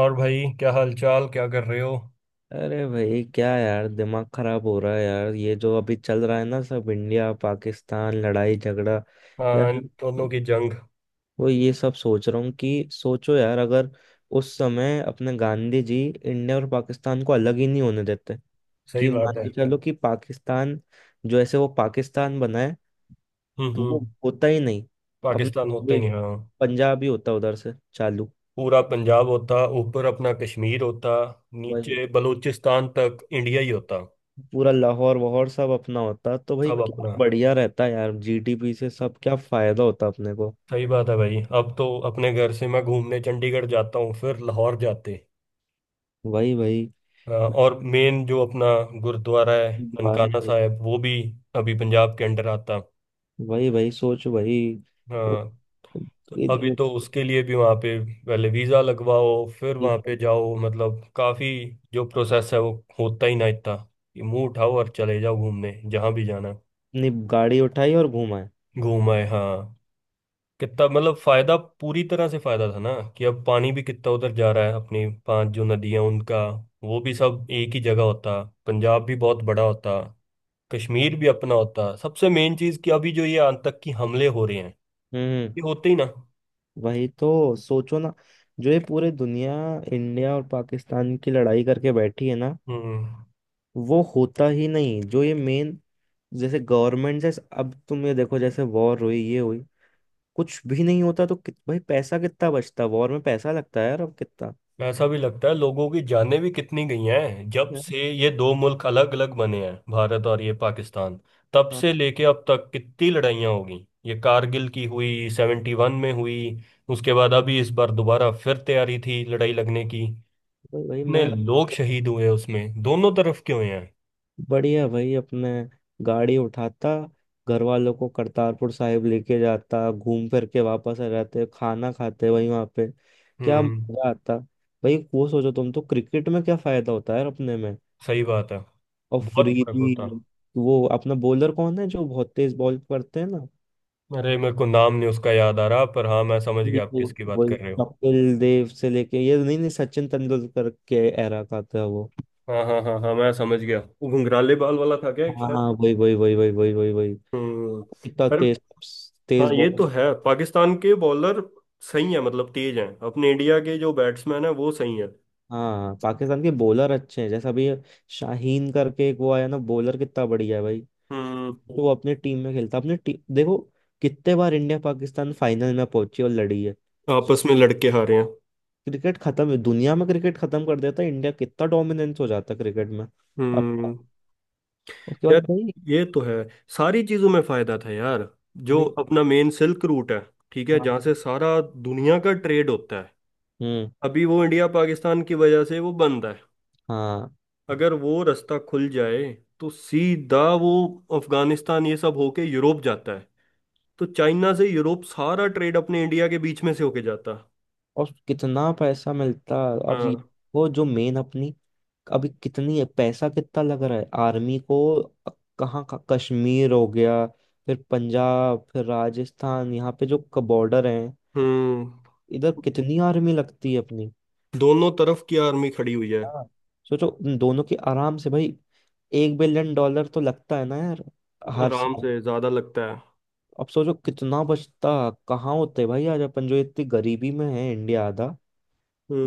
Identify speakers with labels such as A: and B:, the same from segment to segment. A: और भाई, क्या हालचाल? क्या कर रहे हो?
B: अरे भाई क्या यार, दिमाग खराब हो रहा है यार। ये जो अभी चल रहा है ना, सब इंडिया पाकिस्तान लड़ाई झगड़ा
A: हाँ,
B: यार।
A: इन दोनों की जंग।
B: वो ये सब सोच रहा हूँ कि सोचो यार, अगर उस समय अपने गांधी जी इंडिया और पाकिस्तान को अलग ही नहीं होने देते।
A: सही
B: कि
A: बात
B: मान
A: है।
B: के चलो कि पाकिस्तान जो ऐसे वो पाकिस्तान बना है, तो वो
A: हम्म।
B: होता ही नहीं।
A: पाकिस्तान
B: अपने
A: होता ही
B: ये
A: नहीं, हाँ।
B: पंजाब ही होता उधर से चालू।
A: पूरा पंजाब होता, ऊपर अपना कश्मीर होता,
B: वही,
A: नीचे बलूचिस्तान तक इंडिया ही होता।
B: पूरा लाहौर वाहौर सब अपना होता तो भाई
A: सब
B: क्या
A: अपना।
B: बढ़िया रहता यार। जीडीपी से सब क्या फायदा होता अपने को।
A: सही बात है भाई। अब तो अपने घर से मैं घूमने चंडीगढ़ जाता हूँ, फिर लाहौर जाते।
B: वही वही।
A: हाँ, और मेन जो अपना गुरुद्वारा है
B: दोबारा।
A: ननकाना साहिब, वो भी अभी पंजाब के अंडर आता।
B: वही वही सोच वही। वो-
A: हाँ, तो
B: ये
A: अभी
B: जो-
A: तो उसके लिए भी वहाँ पे पहले वीज़ा लगवाओ, फिर
B: ये
A: वहाँ पे जाओ, मतलब काफ़ी जो प्रोसेस है वो होता ही ना इतना कि मुंह उठाओ और चले जाओ घूमने जहाँ भी जाना है।
B: अपनी गाड़ी उठाई और घुमाए।
A: घूम आए, हाँ। कितना मतलब फ़ायदा, पूरी तरह से फ़ायदा था ना। कि अब पानी भी कितना उधर जा रहा है, अपनी पांच जो नदियाँ, उनका वो भी सब एक ही जगह होता। पंजाब भी बहुत बड़ा होता, कश्मीर भी अपना होता। सबसे मेन चीज़ कि अभी जो ये आतंकी हमले हो रहे हैं, ये
B: हम्म।
A: होते ही ना।
B: वही तो सोचो ना, जो ये पूरे दुनिया इंडिया और पाकिस्तान की लड़ाई करके बैठी है ना,
A: हम्म।
B: वो होता ही नहीं। जो ये मेन, जैसे गवर्नमेंट। जैसे अब तुम ये देखो, जैसे वॉर हुई ये हुई, कुछ भी नहीं होता, तो भाई पैसा कितना बचता। वॉर में पैसा लगता है यार, अब कितना।
A: ऐसा भी लगता है, लोगों की जानें भी कितनी गई हैं जब
B: यार।
A: से ये दो मुल्क अलग अलग बने हैं, भारत और ये पाकिस्तान। तब
B: हाँ।
A: से लेके अब तक कितनी लड़ाइयाँ हो गई। ये कारगिल की हुई, 71 में हुई, उसके बाद अभी इस बार दोबारा फिर तैयारी थी लड़ाई लगने की।
B: भाई भाई,
A: इतने
B: मैं
A: लोग शहीद हुए उसमें दोनों तरफ के हुए हैं।
B: बढ़िया। भाई अपने गाड़ी उठाता, घर वालों को करतारपुर साहिब लेके जाता, घूम फिर के वापस आ जाते, खाना खाते वहीं वहां पे। क्या
A: हम्म,
B: मजा आता भाई। वो सोचो तुम तो, क्रिकेट में क्या फायदा होता है यार अपने में।
A: सही बात है।
B: और
A: बहुत फर्क होता।
B: फ्रीबी। वो अपना बॉलर कौन है जो बहुत तेज बॉल करते हैं ना।
A: अरे, मेरे को नाम नहीं उसका याद आ रहा, पर हाँ मैं समझ
B: जी,
A: गया आप
B: जी,
A: किसकी बात
B: वही।
A: कर रहे हो।
B: कपिल देव से लेके, ये नहीं नहीं, सचिन तेंदुलकर के एरा का था वो।
A: हाँ हाँ हाँ हाँ, मैं समझ गया। वो घुंघराले बाल वाला था क्या?
B: हाँ हाँ, वही वही वही वही वही वही वही।
A: हम्म।
B: कितना
A: अरे
B: तेज,
A: हाँ,
B: तेज
A: ये तो
B: बॉलर।
A: है, पाकिस्तान के बॉलर सही है मतलब, तेज हैं। अपने इंडिया के जो बैट्समैन है वो सही है।
B: हाँ पाकिस्तान के बॉलर अच्छे हैं, जैसा अभी शाहीन करके एक वो आया ना बॉलर, कितना बढ़िया है भाई।
A: हम्म,
B: तो वो अपने टीम में खेलता, अपने टीम देखो कितने बार इंडिया पाकिस्तान फाइनल में पहुंची और लड़ी है। सो
A: आपस में लड़के हारे हैं।
B: क्रिकेट खत्म है दुनिया में। क्रिकेट खत्म कर देता है इंडिया, कितना डोमिनेंस हो जाता है क्रिकेट में। अब
A: हम्म।
B: उसके
A: यार,
B: बाद भाई।
A: ये तो है, सारी चीजों में फायदा था यार। जो
B: भाई,
A: अपना मेन सिल्क रूट है, ठीक है, जहाँ
B: हाँ।
A: से सारा दुनिया का ट्रेड होता है,
B: हम्म।
A: अभी वो इंडिया पाकिस्तान की वजह से वो बंद है।
B: हाँ
A: अगर वो रास्ता खुल जाए तो सीधा वो अफगानिस्तान ये सब होके यूरोप जाता है। तो चाइना से यूरोप सारा ट्रेड अपने इंडिया के बीच में से होके जाता।
B: और कितना पैसा मिलता है, और
A: हाँ।
B: वो जो मेन अपनी, अभी कितनी पैसा कितना लग रहा है आर्मी को। कहाँ का कश्मीर हो गया, फिर पंजाब, फिर राजस्थान, यहाँ पे जो बॉर्डर है,
A: हम्म।
B: इधर कितनी आर्मी लगती है अपनी।
A: दोनों तरफ की आर्मी खड़ी हुई है।
B: हाँ, सोचो उन दोनों की आराम से भाई, 1 बिलियन डॉलर तो लगता है ना यार, हर
A: आराम
B: साल।
A: से ज्यादा लगता है।
B: अब सोचो कितना बचता, कहाँ होते भाई आज, अपन जो इतनी गरीबी में है इंडिया, आधा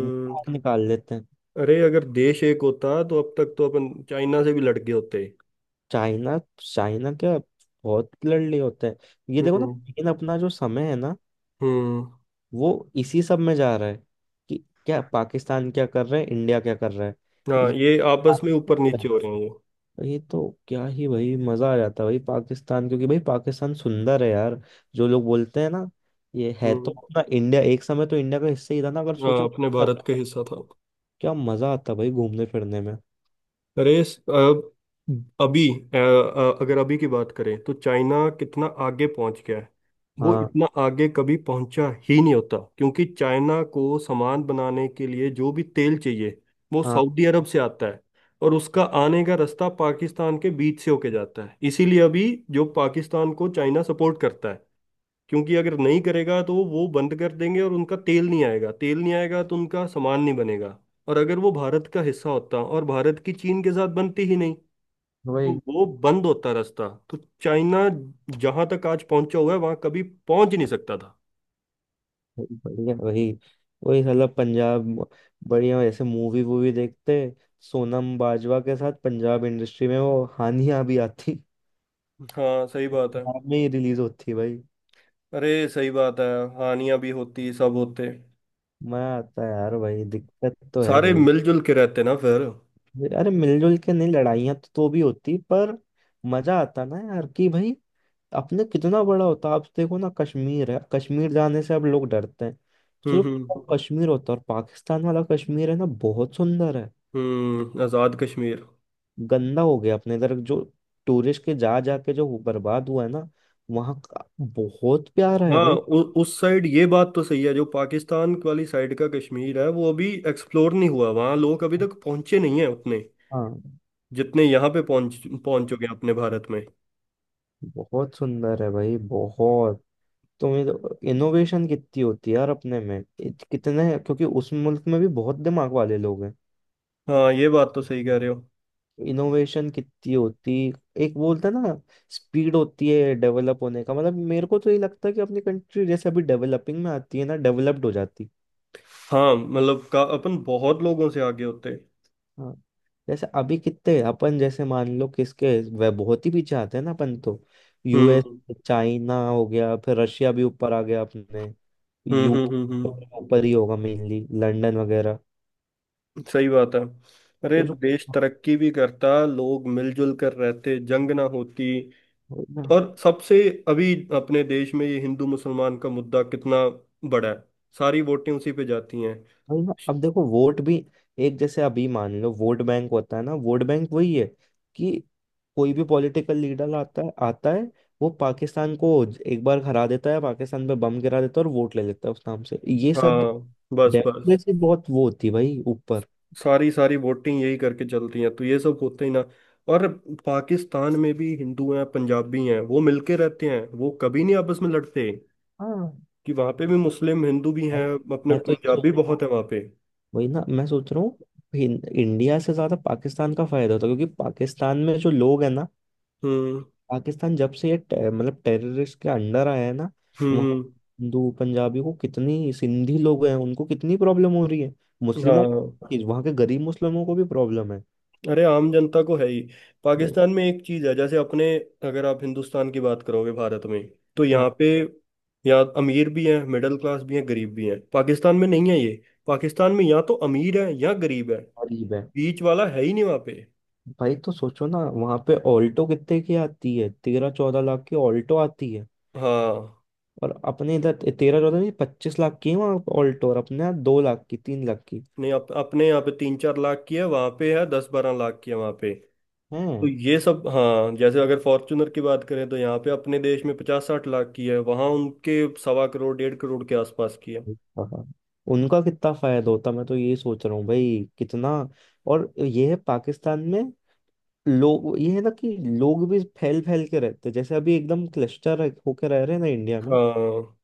B: वो बाहर निकाल लेते हैं।
A: अरे, अगर देश एक होता तो अब तक तो अपन चाइना से भी लड़ गए होते।
B: चाइना चाइना क्या, बहुत लड़ली होता है। ये देखो ना,
A: हम्म
B: लेकिन अपना जो समय है ना,
A: हम्म।
B: वो इसी सब में जा रहा है। कि क्या पाकिस्तान क्या कर रहा है, इंडिया क्या कर रहा है।
A: हाँ,
B: ये
A: ये आपस में ऊपर नीचे हो रहे हैं ये।
B: ये तो, क्या ही भाई मजा आ जाता है भाई पाकिस्तान, क्योंकि भाई पाकिस्तान सुंदर है यार। जो लोग बोलते हैं ना, ये है तो
A: हम्म।
B: अपना इंडिया, एक समय तो इंडिया का हिस्सा ही था ना अगर
A: हाँ,
B: सोचो।
A: अपने
B: क्या
A: भारत का हिस्सा था।
B: मजा आता है भाई घूमने फिरने में।
A: अरे, अब अभी अगर अभी की बात करें तो चाइना कितना आगे पहुंच गया है। वो
B: हाँ
A: इतना आगे कभी पहुंचा ही नहीं होता, क्योंकि चाइना को सामान बनाने के लिए जो भी तेल चाहिए वो
B: हाँ
A: सऊदी अरब से आता है। और उसका आने का रास्ता पाकिस्तान के बीच से होके जाता है, इसीलिए अभी जो पाकिस्तान को चाइना सपोर्ट करता है, क्योंकि अगर नहीं करेगा तो वो बंद कर देंगे और उनका तेल नहीं आएगा, तेल नहीं आएगा तो उनका सामान नहीं बनेगा। और अगर वो भारत का हिस्सा होता और भारत की चीन के साथ बनती ही नहीं
B: वही
A: तो वो बंद होता रास्ता, तो चाइना जहां तक आज पहुंचा हुआ है वहां कभी पहुंच ही नहीं सकता था।
B: बढ़िया। वही वही साला पंजाब बढ़िया। ऐसे मूवी वूवी देखते सोनम बाजवा के साथ, पंजाब इंडस्ट्री में वो हानिया भी आती,
A: हाँ, सही बात है।
B: पंजाब में ही रिलीज होती भाई।
A: अरे, सही बात है। हानियां भी होती, सब होते।
B: मजा आता है यार भाई। दिक्कत तो है
A: सारे
B: भाई।
A: मिलजुल के रहते ना फिर।
B: अरे मिलजुल के नहीं, लड़ाइयाँ तो भी होती, पर मजा आता ना यार कि भाई, अपने कितना बड़ा होता। आप देखो ना कश्मीर है, कश्मीर जाने से अब लोग डरते हैं। तो
A: हम्म हम्म
B: जो कश्मीर होता है, और पाकिस्तान वाला कश्मीर है ना बहुत सुंदर है।
A: हम्म। आजाद कश्मीर।
B: गंदा हो गया अपने इधर जो, टूरिस्ट के जा जाके जो वो बर्बाद हुआ है ना, वहाँ का बहुत प्यारा है
A: हाँ,
B: भाई।
A: उस साइड ये बात तो सही है। जो पाकिस्तान वाली साइड का कश्मीर है, वो अभी एक्सप्लोर नहीं हुआ। वहाँ लोग अभी तक पहुंचे नहीं हैं उतने
B: हाँ
A: जितने यहाँ पे पहुंचोगे अपने भारत में।
B: बहुत सुंदर है भाई, बहुत। तो इनोवेशन कितनी होती है यार अपने में, कितने, क्योंकि उस मुल्क में भी बहुत दिमाग वाले लोग हैं।
A: हाँ, ये बात तो सही कह रहे हो।
B: इनोवेशन कितनी होती। एक बोलता ना, स्पीड होती है डेवलप होने का, मतलब मेरे को तो ये लगता है कि अपनी कंट्री जैसे अभी डेवलपिंग में आती है ना, डेवलप्ड हो जाती।
A: हाँ, मतलब का अपन बहुत लोगों से आगे होते हैं।
B: हाँ, जैसे अभी कितने अपन, जैसे मान लो किसके, वह बहुत ही पीछे आते हैं ना अपन तो। यूएस,
A: हम्म
B: चाइना हो गया, फिर रशिया भी ऊपर आ गया, अपने
A: हम्म हम्म
B: यूके
A: हम्म
B: तो
A: हम्म,
B: ऊपर ही होगा, मेनली लंदन वगैरह।
A: सही बात है। अरे,
B: तो जो,
A: देश तरक्की भी करता, लोग मिलजुल कर रहते, जंग ना होती।
B: वही ना।
A: और सबसे, अभी अपने देश में ये हिंदू मुसलमान का मुद्दा कितना बड़ा है, सारी वोटें उसी पे जाती हैं।
B: वही ना, अब देखो वोट भी। एक जैसे, अभी मान लो वोट बैंक होता है ना, वोट बैंक वही है कि कोई भी पॉलिटिकल लीडर आता है, आता है वो पाकिस्तान को एक बार हरा देता है, पाकिस्तान पे बम गिरा देता है और वोट ले लेता है उस नाम से ये सब।
A: हाँ, बस
B: डेप्थ में
A: बस।
B: से बहुत वो होती है भाई ऊपर।
A: सारी सारी वोटिंग यही करके चलती हैं, तो ये सब होता ही ना। और पाकिस्तान में भी हिंदू हैं, पंजाबी हैं, वो मिलके रहते हैं, वो कभी नहीं आपस में लड़ते।
B: हाँ
A: कि वहाँ पे भी मुस्लिम हिंदू भी
B: भाई,
A: हैं। अपने
B: मैं तो ये सोच
A: पंजाबी
B: रहा
A: बहुत
B: हूँ,
A: है वहाँ पे।
B: वही ना मैं सोच रहा हूँ। इंडिया से ज्यादा पाकिस्तान का फायदा होता है, क्योंकि पाकिस्तान में जो लोग हैं ना,
A: हम्म
B: पाकिस्तान जब से ये मतलब टेररिस्ट के अंडर आया है ना, वहाँ
A: हम्म
B: हिंदू पंजाबी को कितनी, सिंधी लोग हैं उनको कितनी प्रॉब्लम हो रही है,
A: हम्म,
B: मुस्लिमों
A: हाँ।
B: को, कि वहाँ के गरीब मुस्लिमों को भी प्रॉब्लम है।
A: अरे, आम जनता को है ही।
B: वही।
A: पाकिस्तान में एक चीज है, जैसे अपने अगर आप हिंदुस्तान की बात करोगे, भारत में तो
B: हाँ।
A: यहाँ पे, यहाँ अमीर भी हैं, मिडिल क्लास भी हैं, गरीब भी हैं। पाकिस्तान में नहीं है ये, पाकिस्तान में या तो अमीर है या गरीब है।
B: गरीब है।
A: बीच वाला है ही नहीं वहाँ पे।
B: भाई तो सोचो ना वहाँ पे ऑल्टो कितने की आती है, 13-14 लाख की ऑल्टो आती है।
A: हाँ,
B: और अपने इधर 13-14 नहीं, 25 लाख की है वहाँ ऑल्टो, और अपने यहाँ 2 लाख की, 3 लाख की
A: नहीं अपने यहाँ पे 3-4 लाख की है, वहाँ पे है 10-12 लाख की है वहाँ पे।
B: है।
A: तो ये सब, हाँ, जैसे अगर फॉर्चुनर की बात करें तो यहाँ पे अपने देश में 50-60 लाख की है, वहाँ उनके 1.25 करोड़ 1.5 करोड़ के आसपास की है।
B: उनका कितना फायदा होता, मैं तो ये सोच रहा हूँ भाई कितना। और ये है पाकिस्तान में लोग, ये है ना कि लोग भी फैल फैल के रहते हैं, जैसे अभी एकदम क्लस्टर होके रह रहे हैं ना इंडिया में।
A: हाँ।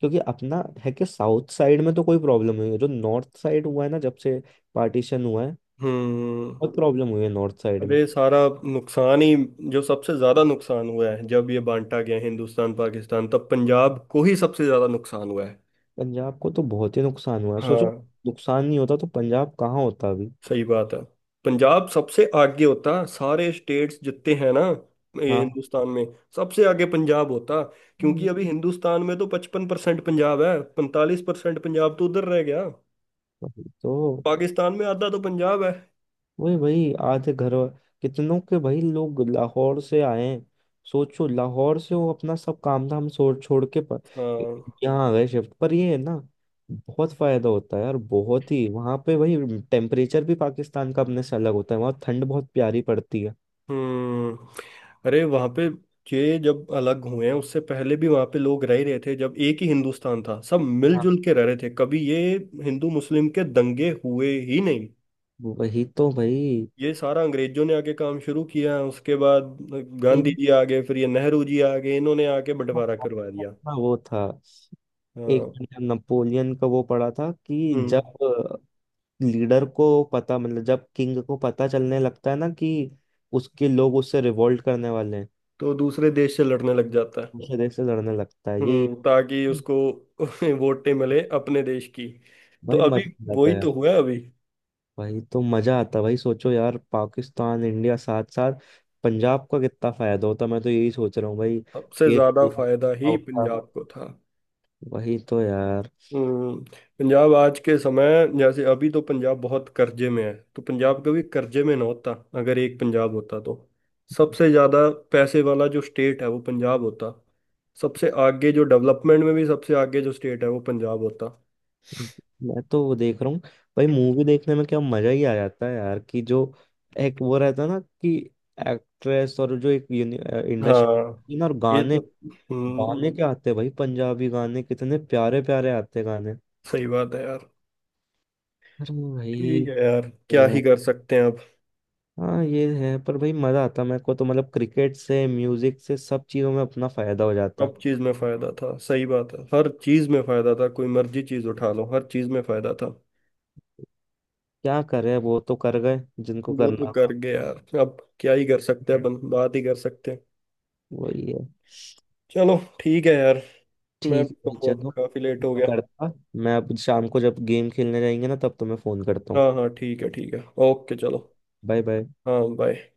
B: क्योंकि अपना है कि साउथ साइड में तो कोई प्रॉब्लम नहीं है, जो नॉर्थ साइड हुआ है ना जब से पार्टीशन हुआ है,
A: हम्म।
B: बहुत प्रॉब्लम हुई है नॉर्थ साइड में।
A: अरे, सारा नुकसान ही। जो सबसे ज्यादा नुकसान हुआ है जब ये बांटा गया हिंदुस्तान पाकिस्तान, तब पंजाब को ही सबसे ज्यादा नुकसान हुआ है।
B: पंजाब को तो बहुत ही नुकसान हुआ है सोचो,
A: हाँ,
B: नुकसान नहीं होता तो पंजाब कहाँ होता अभी।
A: सही बात है। पंजाब सबसे आगे होता, सारे स्टेट्स जितने हैं ना ये
B: हाँ।
A: हिंदुस्तान में, सबसे आगे पंजाब होता। क्योंकि
B: हम्म।
A: अभी हिंदुस्तान में तो 55% पंजाब है, 45% पंजाब तो उधर रह गया।
B: वही तो।
A: पाकिस्तान में आधा तो पंजाब है।
B: वही भाई, आधे घर कितनों के भाई लोग लाहौर से आए हैं, सोचो लाहौर से वो अपना सब काम धाम छोड़ छोड़ के
A: हाँ।
B: यहाँ आ गए शिफ्ट पर। ये है ना, बहुत फायदा होता है यार, बहुत ही वहाँ पे भाई। टेम्परेचर भी पाकिस्तान का अपने से अलग होता है, वहाँ ठंड बहुत प्यारी पड़ती है।
A: हम्म। अरे, वहां पे ये जब अलग हुए हैं उससे पहले भी वहां पे लोग रह ही रहे थे। जब एक ही हिंदुस्तान था सब
B: हाँ,
A: मिलजुल के रह रहे थे, कभी ये हिंदू मुस्लिम के दंगे हुए ही नहीं।
B: वही तो भाई।
A: ये सारा अंग्रेजों ने आके काम शुरू किया, उसके बाद गांधी
B: इनका
A: जी आ गए, फिर ये नेहरू जी आ गए, इन्होंने आके बंटवारा करवा दिया।
B: अपना वो था, एक
A: हाँ।
B: नपोलियन का वो पड़ा था कि
A: हम्म।
B: जब लीडर को पता, मतलब जब किंग को पता चलने लगता है ना कि उसके लोग उससे रिवोल्ट करने वाले हैं,
A: तो दूसरे देश से लड़ने लग जाता है।
B: दूसरे देश से लड़ने लगता है। यही
A: हम्म, ताकि उसको वोटें मिले अपने देश की। तो
B: भाई
A: अभी
B: मजा आता
A: वही
B: है यार।
A: तो हुआ है अभी।
B: भाई तो मजा आता है भाई, सोचो यार पाकिस्तान इंडिया साथ साथ, पंजाब का कितना फायदा होता मैं तो यही सोच रहा हूँ भाई।
A: सबसे
B: खेत
A: ज्यादा
B: पूरा
A: फायदा ही
B: होता।
A: पंजाब को था।
B: वही तो यार।
A: हम्म, पंजाब आज के समय जैसे अभी तो पंजाब बहुत कर्जे में है। तो पंजाब कभी कर्जे में ना होता अगर एक पंजाब होता तो। सबसे ज्यादा पैसे वाला जो स्टेट है वो पंजाब होता। सबसे आगे जो डेवलपमेंट में भी सबसे आगे जो स्टेट है वो पंजाब होता।
B: मैं तो वो देख रहा हूँ भाई, मूवी देखने में क्या मजा ही आ जाता है यार, कि जो एक वो रहता है ना, कि एक्ट्रेस और जो एक
A: हाँ,
B: इंडस्ट्री ना और
A: ये तो।
B: गाने,
A: हम्म,
B: गाने क्या आते हैं भाई, पंजाबी गाने कितने प्यारे प्यारे आते हैं गाने।
A: सही बात है यार।
B: अरे भाई
A: ठीक है यार, क्या
B: अ,
A: ही कर सकते हैं अब।
B: हाँ ये है, पर भाई मजा आता मेरे को तो, मतलब क्रिकेट से, म्यूजिक से, सब चीजों में अपना फायदा हो जाता।
A: सब चीज में फायदा था, सही बात है। हर चीज में फायदा था, कोई मर्जी चीज उठा लो, हर चीज में फायदा था।
B: क्या करे, वो तो कर गए जिनको
A: वो तो
B: करना
A: कर
B: था।
A: गए यार, अब क्या ही कर सकते हैं, बन बात ही कर सकते हैं।
B: वही है।
A: चलो ठीक है यार। मैं
B: ठीक
A: भी
B: है भाई,
A: तो अब
B: चलो।
A: काफी लेट हो
B: मैं
A: गया।
B: करता, मैं अब शाम को जब गेम खेलने जाएंगे ना, तब तुम्हें फोन करता हूँ।
A: हाँ हाँ, ठीक है ठीक है। ओके, चलो।
B: Bye bye.
A: हाँ, बाय।